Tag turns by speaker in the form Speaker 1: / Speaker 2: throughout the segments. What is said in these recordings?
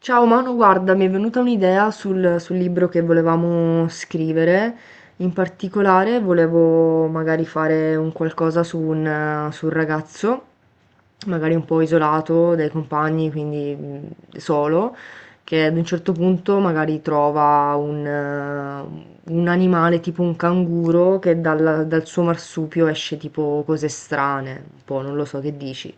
Speaker 1: Ciao Manu, guarda, mi è venuta un'idea sul libro che volevamo scrivere. In particolare volevo magari fare un qualcosa su un ragazzo, magari un po' isolato dai compagni, quindi solo, che ad un certo punto magari trova un animale tipo un canguro che dal suo marsupio esce tipo cose strane, un po', non lo so che dici.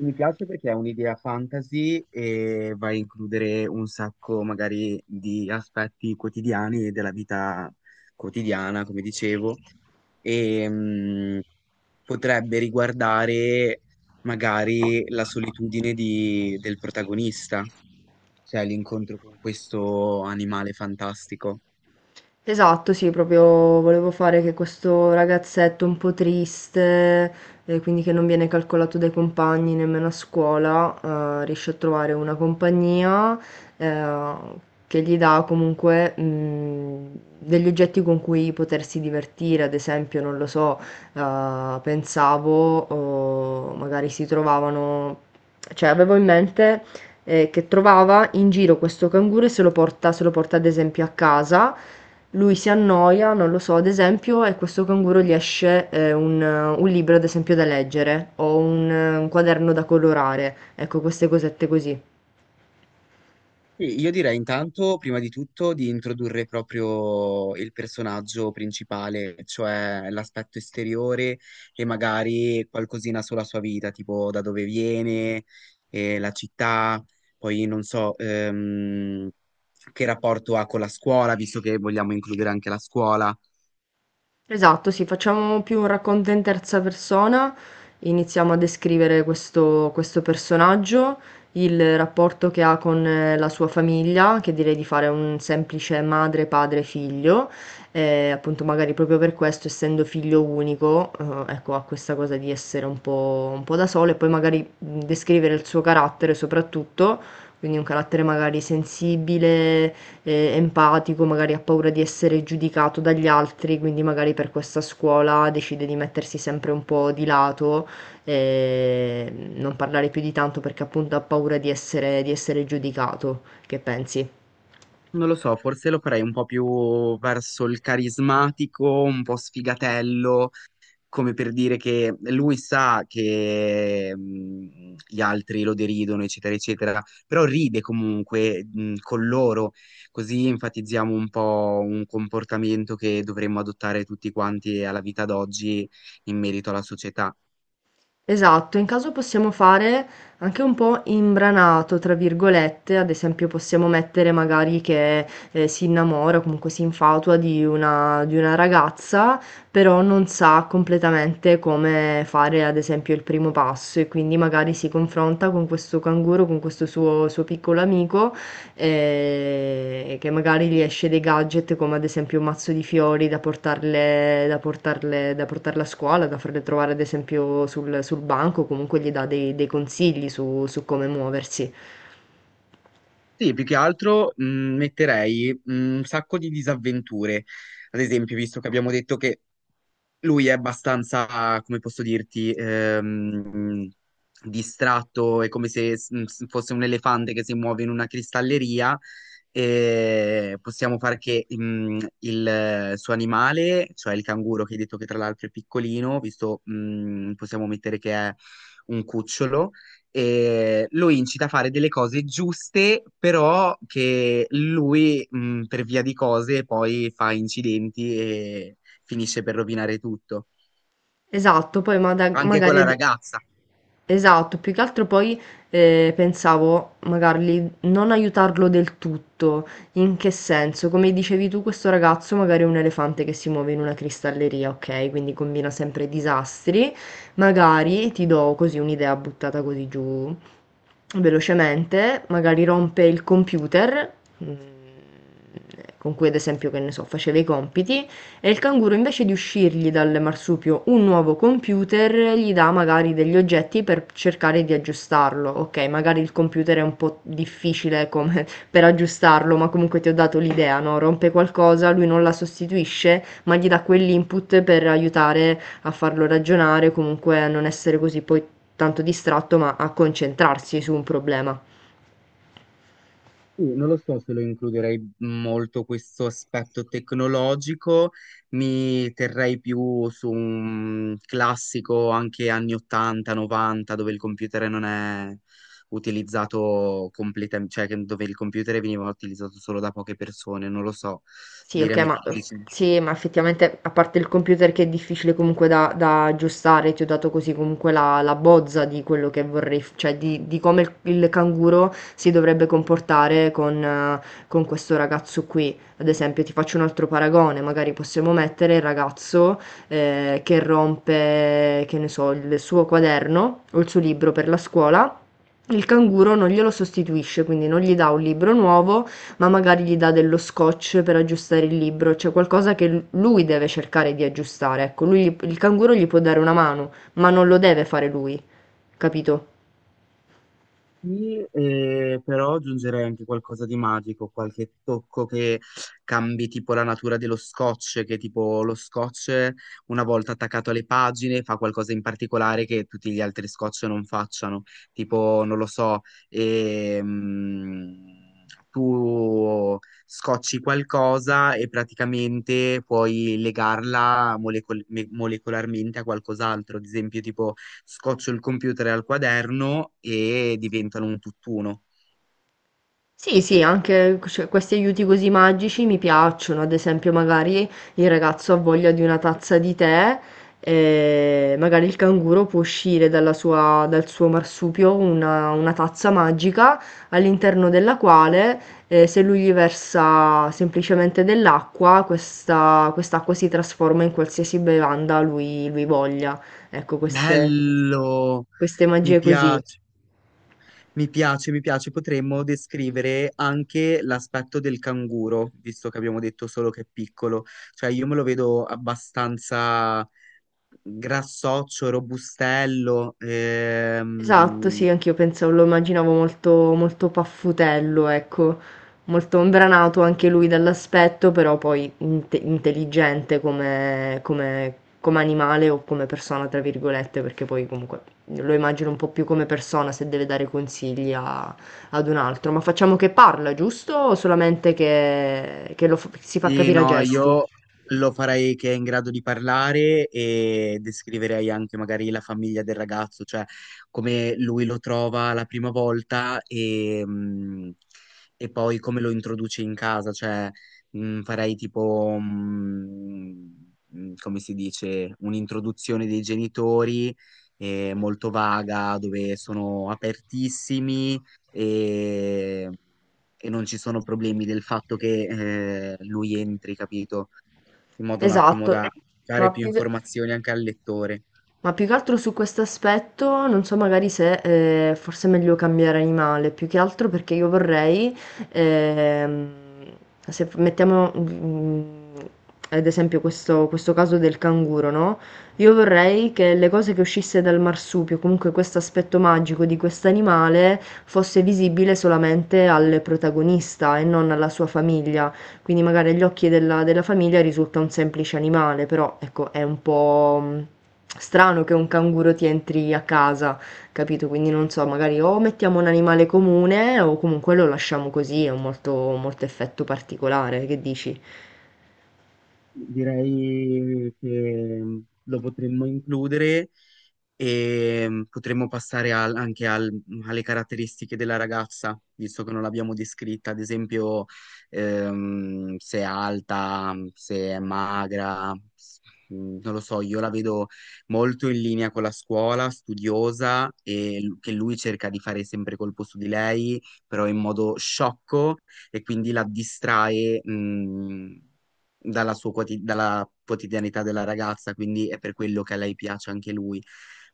Speaker 2: Mi piace perché è un'idea fantasy e va a includere un sacco magari di aspetti quotidiani e della vita quotidiana, come dicevo, e potrebbe riguardare magari la solitudine del protagonista, cioè l'incontro con questo animale fantastico.
Speaker 1: Esatto, sì, proprio volevo fare che questo ragazzetto un po' triste, quindi che non viene calcolato dai compagni nemmeno a scuola, riesce a trovare una compagnia, eh, che gli dà comunque, degli oggetti con cui potersi divertire, ad esempio, non lo so, pensavo, o magari si trovavano, cioè avevo in mente, che trovava in giro questo canguro e se lo porta ad esempio a casa lui si annoia, non lo so, ad esempio, e questo canguro gli esce, un libro ad esempio da leggere o un quaderno da colorare, ecco queste cosette così.
Speaker 2: Sì, io direi intanto, prima di tutto, di introdurre proprio il personaggio principale, cioè l'aspetto esteriore e magari qualcosina sulla sua vita, tipo da dove viene, la città, poi non so, che rapporto ha con la scuola, visto che vogliamo includere anche la scuola.
Speaker 1: Esatto, sì, facciamo più un racconto in terza persona, iniziamo a descrivere questo personaggio, il rapporto che ha con la sua famiglia, che direi di fare un semplice madre, padre, figlio, appunto magari proprio per questo, essendo figlio unico, ecco, ha questa cosa di essere un po' da solo e poi magari descrivere il suo carattere soprattutto, quindi un carattere magari sensibile empatico, magari ha paura di essere giudicato dagli altri, quindi magari per questa scuola decide di mettersi sempre un po' di lato, non parlare più di tanto perché appunto ha paura di essere giudicato. Che pensi?
Speaker 2: Non lo so, forse lo farei un po' più verso il carismatico, un po' sfigatello, come per dire che lui sa che gli altri lo deridono, eccetera, eccetera, però ride comunque con loro, così enfatizziamo un po' un comportamento che dovremmo adottare tutti quanti alla vita d'oggi in merito alla società.
Speaker 1: Esatto, in caso possiamo fare anche un po' "imbranato", tra virgolette, ad esempio possiamo mettere magari che, si innamora o comunque si infatua di una ragazza, però non sa completamente come fare, ad esempio, il primo passo e quindi magari si confronta con questo canguro, con questo suo piccolo amico che magari gli esce dei gadget come ad esempio un mazzo di fiori da portarle a scuola, da farle trovare ad esempio sul banco, comunque gli dà dei consigli su come muoversi.
Speaker 2: Sì, più che altro metterei un sacco di disavventure. Ad esempio, visto che abbiamo detto che lui è abbastanza, come posso dirti, distratto, è come se fosse un elefante che si muove in una cristalleria, e possiamo fare che il suo animale, cioè il canguro che hai detto che tra l'altro è piccolino, visto possiamo mettere che è un cucciolo, e lo incita a fare delle cose giuste, però che lui per via di cose poi fa incidenti e finisse per rovinare tutto.
Speaker 1: Esatto, poi ma da-
Speaker 2: Anche con
Speaker 1: magari...
Speaker 2: la
Speaker 1: ad-
Speaker 2: ragazza.
Speaker 1: Esatto, più che altro poi pensavo magari non aiutarlo del tutto. In che senso? Come dicevi tu, questo ragazzo magari è un elefante che si muove in una cristalleria, ok? Quindi combina sempre disastri. Magari ti do così un'idea buttata così giù velocemente, magari rompe il computer, mm, con cui ad esempio, che ne so, faceva i compiti e il canguro invece di uscirgli dal marsupio un nuovo computer gli dà magari degli oggetti per cercare di aggiustarlo. Ok, magari il computer è un po' difficile come per aggiustarlo, ma comunque ti ho dato l'idea, no? Rompe qualcosa, lui non la sostituisce, ma gli dà quell'input per aiutare a farlo ragionare, comunque a non essere così poi tanto distratto, ma a concentrarsi su un problema.
Speaker 2: Non lo so se lo includerei molto questo aspetto tecnologico, mi terrei più su un classico anche anni 80, 90, dove il computer non è utilizzato completamente, cioè dove il computer veniva utilizzato solo da poche persone, non lo so.
Speaker 1: Sì, ok,
Speaker 2: Diremi
Speaker 1: ma
Speaker 2: tu,
Speaker 1: sì, ma effettivamente a parte il computer che è difficile comunque da aggiustare, ti ho dato così comunque la bozza di quello che vorrei, cioè di come il canguro si dovrebbe comportare con questo ragazzo qui. Ad esempio, ti faccio un altro paragone, magari possiamo mettere il ragazzo che rompe, che ne so, il suo quaderno o il suo libro per la scuola. Il canguro non glielo sostituisce, quindi non gli dà un libro nuovo, ma magari gli dà dello scotch per aggiustare il libro, cioè qualcosa che lui deve cercare di aggiustare. Ecco, lui, il canguro gli può dare una mano, ma non lo deve fare lui, capito?
Speaker 2: sì, però aggiungerei anche qualcosa di magico, qualche tocco che cambi tipo la natura dello scotch, che tipo lo scotch, una volta attaccato alle pagine, fa qualcosa in particolare che tutti gli altri scotch non facciano, tipo non lo so, ehm, tu scocci qualcosa e praticamente puoi legarla molecolarmente a qualcos'altro, ad esempio tipo scoccio il computer al quaderno e diventano un tutt'uno.
Speaker 1: Sì, sì, anche cioè, questi aiuti così magici mi piacciono, ad esempio magari il ragazzo ha voglia di una tazza di tè e magari il canguro può uscire dal suo marsupio una tazza magica all'interno della quale se lui gli versa semplicemente dell'acqua, questa, quest'acqua si trasforma in qualsiasi bevanda lui voglia. Ecco,
Speaker 2: Bello!
Speaker 1: queste
Speaker 2: Mi
Speaker 1: magie così.
Speaker 2: piace, mi piace, mi piace. Potremmo descrivere anche l'aspetto del canguro, visto che abbiamo detto solo che è piccolo. Cioè, io me lo vedo abbastanza grassoccio, robustello,
Speaker 1: Esatto,
Speaker 2: ehm.
Speaker 1: sì, anch'io pensavo, lo immaginavo molto, molto paffutello, ecco, molto imbranato anche lui dall'aspetto, però poi intelligente come animale o come persona, tra virgolette, perché poi comunque lo immagino un po' più come persona se deve dare consigli ad un altro. Ma facciamo che parla, giusto? O solamente si fa
Speaker 2: Sì,
Speaker 1: capire a
Speaker 2: no,
Speaker 1: gesti?
Speaker 2: io lo farei che è in grado di parlare e descriverei anche magari la famiglia del ragazzo, cioè come lui lo trova la prima volta e poi come lo introduce in casa, cioè farei tipo, come si dice, un'introduzione dei genitori, molto vaga, dove sono apertissimi e e non ci sono problemi del fatto che lui entri, capito? In modo un attimo
Speaker 1: Esatto,
Speaker 2: da dare
Speaker 1: ma
Speaker 2: più
Speaker 1: più che...
Speaker 2: informazioni anche al lettore.
Speaker 1: ma più che altro su questo aspetto, non so magari se, forse è meglio cambiare animale, più che altro perché io vorrei, ehm, se f mettiamo, mhmm, ad esempio questo caso del canguro, no, io vorrei che le cose che uscisse dal marsupio, comunque questo aspetto magico di quest'animale, fosse visibile solamente al protagonista e non alla sua famiglia, quindi magari agli occhi della famiglia risulta un semplice animale, però ecco, è un po' strano che un canguro ti entri a casa, capito? Quindi non so, magari o mettiamo un animale comune o comunque lo lasciamo così, ha un molto, molto effetto particolare, che dici?
Speaker 2: Direi che lo potremmo includere e potremmo passare alle caratteristiche della ragazza, visto che non l'abbiamo descritta, ad esempio se è alta, se è magra, non lo so, io la vedo molto in linea con la scuola, studiosa, e che lui cerca di fare sempre colpo su di lei, però in modo sciocco, e quindi la distrae dalla sua dalla quotidianità della ragazza, quindi è per quello che a lei piace anche lui.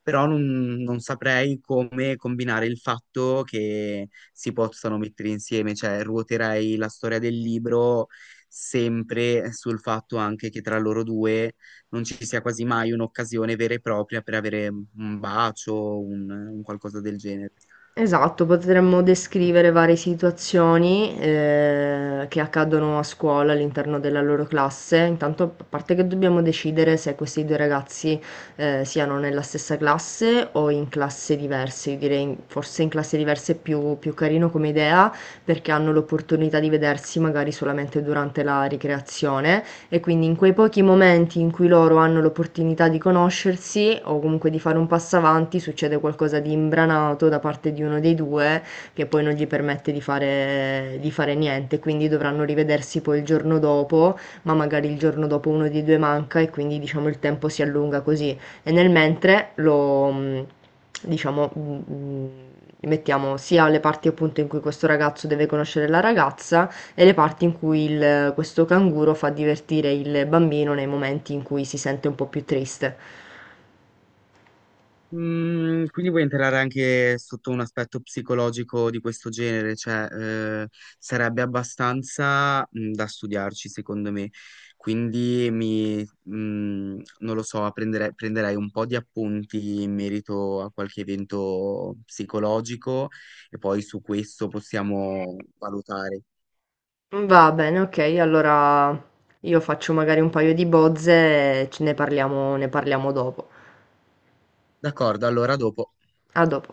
Speaker 2: Però non saprei come combinare il fatto che si possano mettere insieme, cioè ruoterei la storia del libro sempre sul fatto anche che tra loro due non ci sia quasi mai un'occasione vera e propria per avere un bacio, un qualcosa del genere.
Speaker 1: Esatto, potremmo descrivere varie situazioni, che accadono a scuola all'interno della loro classe. Intanto, p a parte che dobbiamo decidere se questi due ragazzi, siano nella stessa classe o in classe diverse. Io direi in forse in classe diverse è più carino come idea, perché hanno l'opportunità di vedersi magari solamente durante la ricreazione. E quindi in quei pochi momenti in cui loro hanno l'opportunità di conoscersi o comunque di fare un passo avanti, succede qualcosa di imbranato da parte di uno dei due che poi non gli permette di fare niente, quindi dovranno rivedersi poi il giorno dopo, ma magari il giorno dopo uno dei due manca e quindi diciamo il tempo si allunga così. E nel mentre lo diciamo mettiamo sia alle parti appunto in cui questo ragazzo deve conoscere la ragazza, e le parti in cui questo canguro fa divertire il bambino nei momenti in cui si sente un po' più triste.
Speaker 2: Mm, quindi vuoi entrare anche sotto un aspetto psicologico di questo genere, cioè sarebbe abbastanza da studiarci secondo me, quindi non lo so, prenderei un po' di appunti in merito a qualche evento psicologico e poi su questo possiamo valutare.
Speaker 1: Va bene, ok, allora io faccio magari un paio di bozze e ne parliamo dopo.
Speaker 2: D'accordo, allora dopo.
Speaker 1: A dopo.